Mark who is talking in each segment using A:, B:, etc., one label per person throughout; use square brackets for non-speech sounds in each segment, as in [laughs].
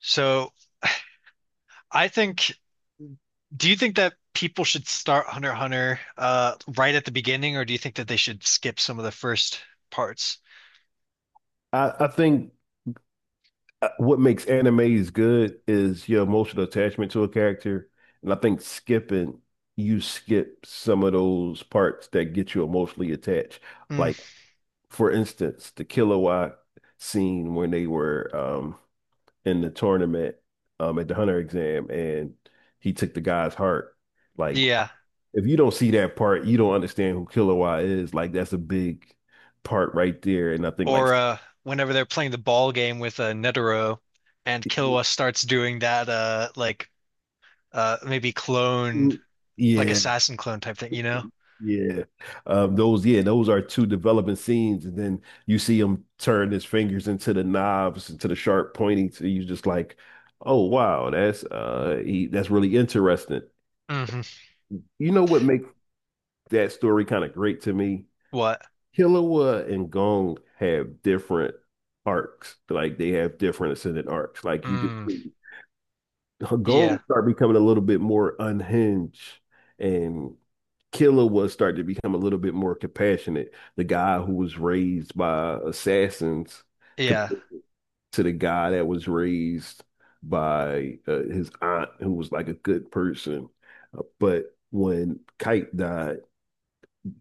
A: So I think, do you think that people should start Hunter x Hunter right at the beginning, or do you think that they should skip some of the first parts?
B: I think what makes animes good is your emotional attachment to a character. And I think you skip some of those parts that get you emotionally attached.
A: Hmm.
B: Like, for instance, the Killua scene when they were in the tournament at the Hunter exam and he took the guy's heart. Like,
A: Yeah,
B: if you don't see that part, you don't understand who Killua is. Like, that's a big part right there. And I think, like,
A: or whenever they're playing the ball game with Netero, and Killua starts doing that, like maybe clone, like
B: yeah,
A: assassin clone type thing, you know?
B: Yeah, yeah, those are two developing scenes, and then you see him turn his fingers into the knobs, into the sharp pointy. So you just like, oh wow, that's that's really interesting.
A: Hmm.
B: You know what makes that story kind of great to me?
A: What?
B: Killua and Gong have different arcs, like they have different ascendant arcs. Like you could
A: Mm,
B: see Gong
A: yeah,
B: start becoming a little bit more unhinged, and Killer was starting to become a little bit more compassionate. The guy who was raised by assassins
A: yeah.
B: compared to the guy that was raised by his aunt, who was like a good person. But when Kite died,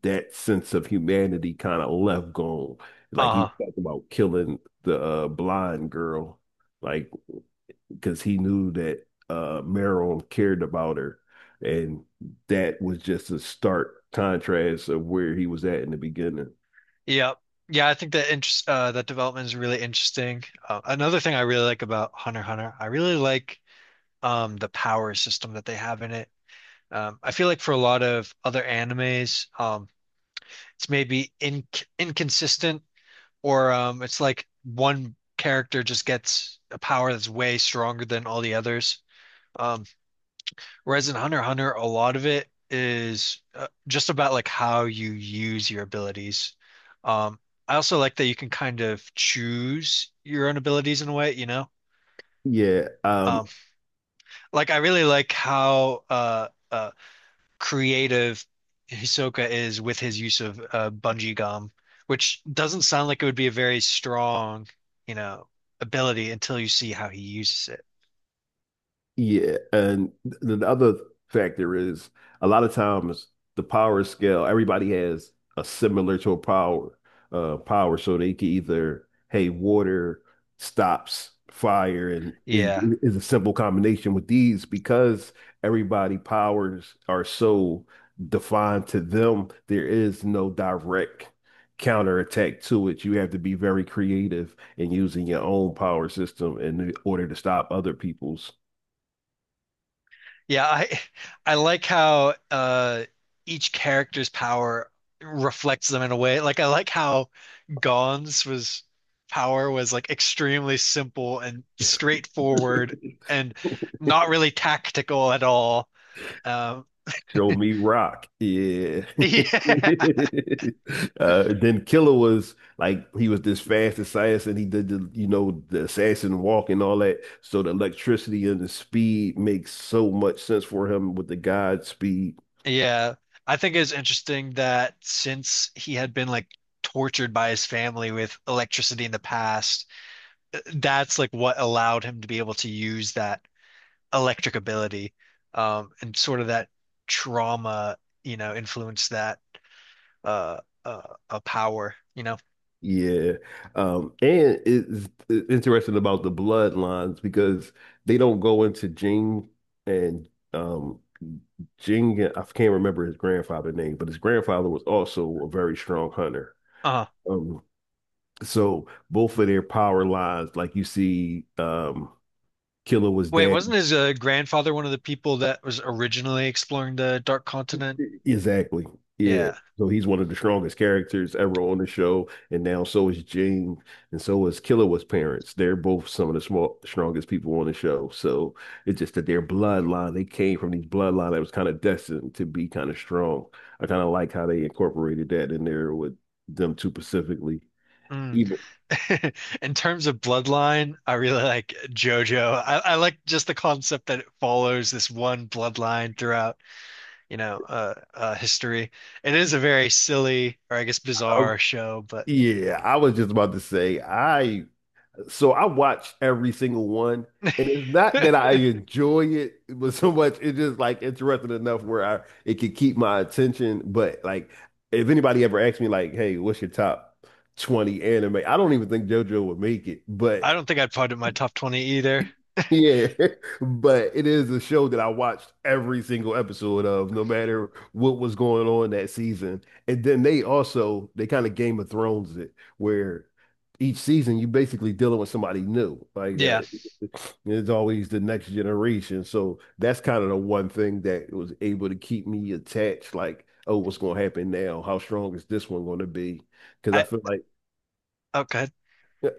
B: that sense of humanity kind of left gone. Like he
A: Uh-huh.
B: was talking about killing the blind girl. Like because he knew that Meryl cared about her, and that was just a stark contrast of where he was at in the beginning.
A: Yep. Yeah, I think that interest that development is really interesting. Another thing I really like about Hunter x Hunter, I really like the power system that they have in it. I feel like for a lot of other animes, it's maybe in inconsistent or it's like one character just gets a power that's way stronger than all the others. Um, Whereas in Hunter x Hunter, a lot of it is just about like how you use your abilities. Um, I also like that you can kind of choose your own abilities in a way, you know?
B: Yeah, um,
A: Um, like I really like how creative Hisoka is with his use of bungee gum, which doesn't sound like it would be a very strong, you know, ability until you see how he uses it.
B: Yeah, and the other factor is a lot of times the power scale, everybody has a similar to a power, power, so they can either, hey, water stops fire, and
A: Yeah.
B: is a simple combination with these because everybody powers are so defined to them. There is no direct counterattack to it. You have to be very creative in using your own power system in order to stop other people's.
A: Yeah, I like how each character's power reflects them in a way. Like I like how Gon's was power was like extremely simple and straightforward
B: [laughs]
A: and not really tactical at all. Um.
B: Show me rock. Yeah.
A: [laughs]
B: [laughs]
A: Yeah.
B: Then Killer was like he was this fast assassin. He did the the assassin walk and all that. So the electricity and the speed makes so much sense for him with the God speed.
A: Yeah. I think it's interesting that since he had been like tortured by his family with electricity in the past, that's like what allowed him to be able to use that electric ability, and sort of that trauma, you know, influenced that uh, uh, power, you know.
B: Yeah. And it's interesting about the bloodlines because they don't go into Jing and um Jing, I can't remember his grandfather name, but his grandfather was also a very strong hunter.
A: Uh,
B: Um, So both of their power lines, like you see, Killer was
A: Wait,
B: dead.
A: wasn't his grandfather one of the people that was originally exploring the Dark Continent?
B: Exactly. Yeah.
A: Yeah.
B: So he's one of the strongest characters ever on the show, and now so is Jane, and so is Killer was parents. They're both some of the small strongest people on the show. So it's just that their bloodline, they came from these bloodline that was kind of destined to be kind of strong. I kind of like how they incorporated that in there with them two specifically.
A: Mm.
B: Even
A: [laughs] In terms of bloodline, I really like JoJo. I like just the concept that it follows this one bloodline throughout, you know, history. It is a very silly, or I guess bizarre
B: Oh,
A: show, but
B: yeah, I was just about to say I watched every single one, and it's not that I enjoy it, but so much it's just like interesting enough where I it could keep my attention. But like, if anybody ever asked me like, "Hey, what's your top 20 anime?" I don't even think JoJo would make it, but
A: I don't think I'd put it in my top 20 either.
B: yeah, [laughs] but it is a show that I watched every single episode of, no matter what was going on that season. And then they kind of Game of Thrones it, where each season you basically dealing with somebody new. Like
A: Yeah.
B: it's always the next generation. So that's kind of the one thing that was able to keep me attached. Like, oh, what's going to happen now? How strong is this one going to be? Because
A: I
B: I feel like
A: Okay.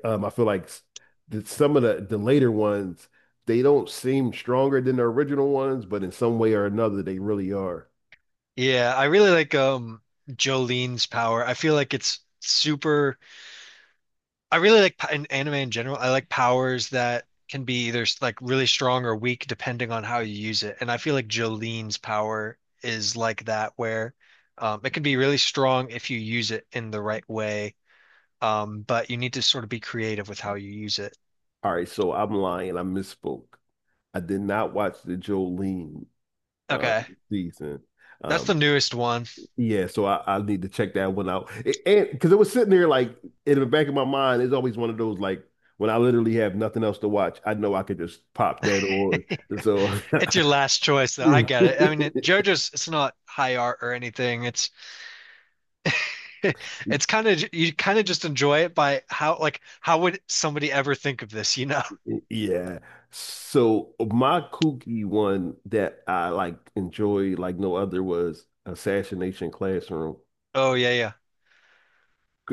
B: um, I feel like s- that some of the later ones they don't seem stronger than the original ones, but in some way or another they really are.
A: Yeah, I really like Jolene's power. I feel like it's super I really like in anime in general. I like powers that can be either like really strong or weak depending on how you use it. And I feel like Jolene's power is like that where it can be really strong if you use it in the right way. But you need to sort of be creative with how you use it.
B: All right, so I'm lying. I misspoke. I did not watch the Jolene um,
A: Okay.
B: season.
A: That's the
B: Um,
A: newest one.
B: yeah, so I need to check that one out. It- and Because it was sitting there like in the back of my mind, it's always one of those like when I literally have nothing else to watch, I know I could just pop that on. So.
A: It's your last choice though. I get it. I mean, JoJo's it's not high art or anything. It's [laughs]
B: [laughs]
A: It's
B: [laughs]
A: kind of you kind of just enjoy it by how like how would somebody ever think of this, you know? [laughs]
B: Yeah. So my kooky one that I like enjoy like no other was Assassination Classroom.
A: Oh yeah, yeah.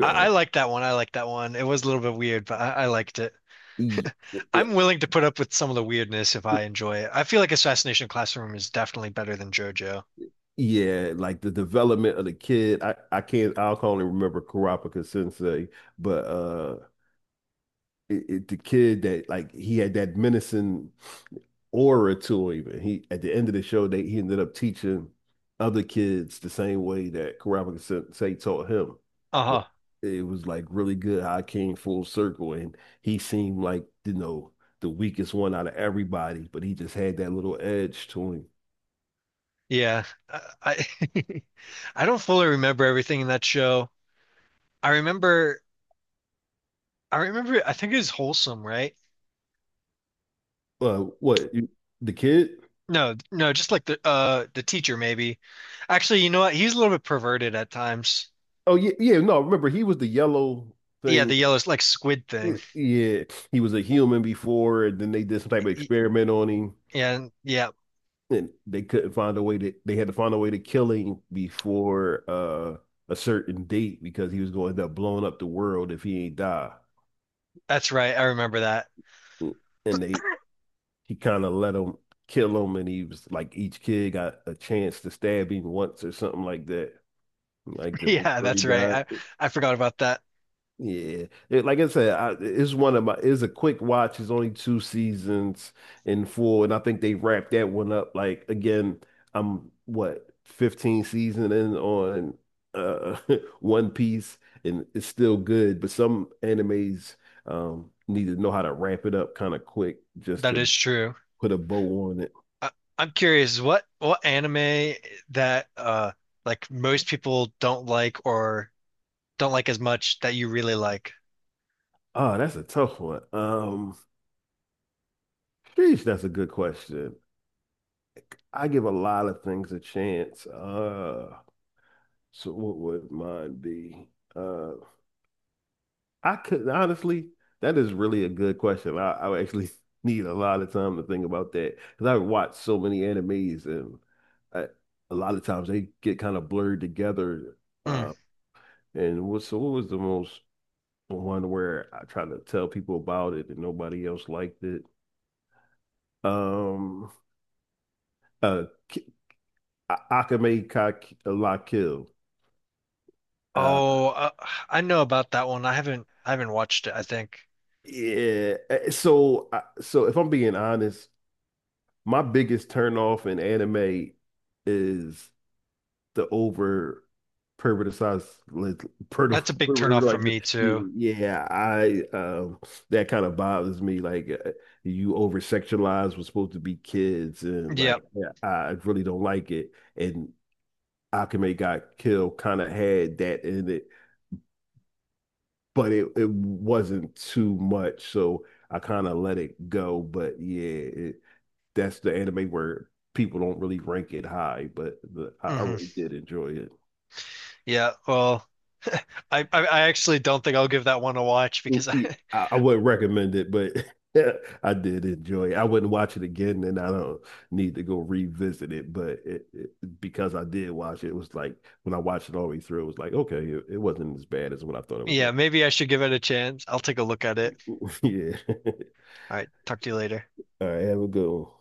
A: I, I like that one. I like that one. It was a little bit weird, but I liked it.
B: y-
A: I'm
B: y-
A: willing to put up with some of the weirdness if I enjoy it. I feel like Assassination Classroom is definitely better than JoJo.
B: yeah, like the development of the kid. I can't I can only remember Kurapika Sensei, but the kid that like he had that menacing orator even. He at the end of the show, they he ended up teaching other kids the same way that Karama Sensei taught him.
A: Uh-huh.
B: It was like really good how I came full circle and he seemed like, you know, the weakest one out of everybody, but he just had that little edge to him.
A: Yeah. I, [laughs] I don't fully remember everything in that show. I remember I remember I think it was Wholesome, right?
B: Uh, what you- the kid?
A: No, no, just like the teacher maybe. Actually, you know what? He's a little bit perverted at times.
B: Oh yeah, yeah. No, remember he was the yellow
A: Yeah, the
B: thing.
A: yellow like squid thing.
B: Yeah, he was a human before, and then they did some type of
A: Y-
B: experiment on him.
A: Yeah, yeah,
B: And they couldn't find a way to they had to find a way to kill him before a certain date because he was going to end up blowing up the world if he ain't die.
A: that's right. I remember that.
B: And they he kind of let him kill him and he was like each kid got a chance to stab him once or something like that. Like
A: [laughs]
B: the
A: Yeah,
B: before he
A: that's right.
B: died.
A: I forgot about that.
B: Yeah, like I said, it's one of my. It's a quick watch. It's only two seasons in full, and I think they wrapped that one up. Like again, I'm what 15 season in on uh [laughs] One Piece, and it's still good. But some animes need to know how to ramp it up kind of quick just
A: That
B: to
A: is true.
B: put a bow on it.
A: I, I'm curious, what anime that like most people don't like or don't like as much that you really like?
B: Oh, that's a tough one. Sheesh, that's a good question. I give a lot of things a chance. So what would mine be? Uh, I could honestly, that is really a good question. I would actually [laughs] need a lot of time to think about that because I watch so many animes and I, a lot of times they get kind of blurred together.
A: Hmm.
B: Uh, so what was the most one where I tried to tell people about it and nobody else liked it? Um, uh, Ki- Akame Ka La Kill. Uh,
A: Oh, I know about that one. I haven't watched it, I think.
B: yeah. So, so if I'm being honest. My biggest turn off in anime is the over perverticized like per,
A: That's a big
B: per-
A: turnoff for
B: like
A: me too.
B: Yeah I that kind of bothers me like you over sexualize what's supposed to be kids and
A: Yeah.
B: like yeah, I really don't like it. And Akame got killed kind of had that in it, but it wasn't too much so I kind of let it go. But yeah, that's the anime where people don't really rank it high, but I
A: Hmm.
B: really did enjoy
A: Yeah, well, [laughs] I actually don't think I'll give that one a watch because [laughs]
B: it.
A: I.
B: I wouldn't recommend it, but [laughs] I did enjoy it. I wouldn't watch it again, and I don't need to go revisit it. But because I did watch it, it was like when I watched it all the way through, it was like okay, it wasn't as bad as what I thought it was.
A: Yeah,
B: Going.
A: maybe I should give it a chance. I'll take a look at
B: To.
A: it.
B: [laughs] Yeah. [laughs]
A: All right, talk to you later.
B: All right. Have a good one.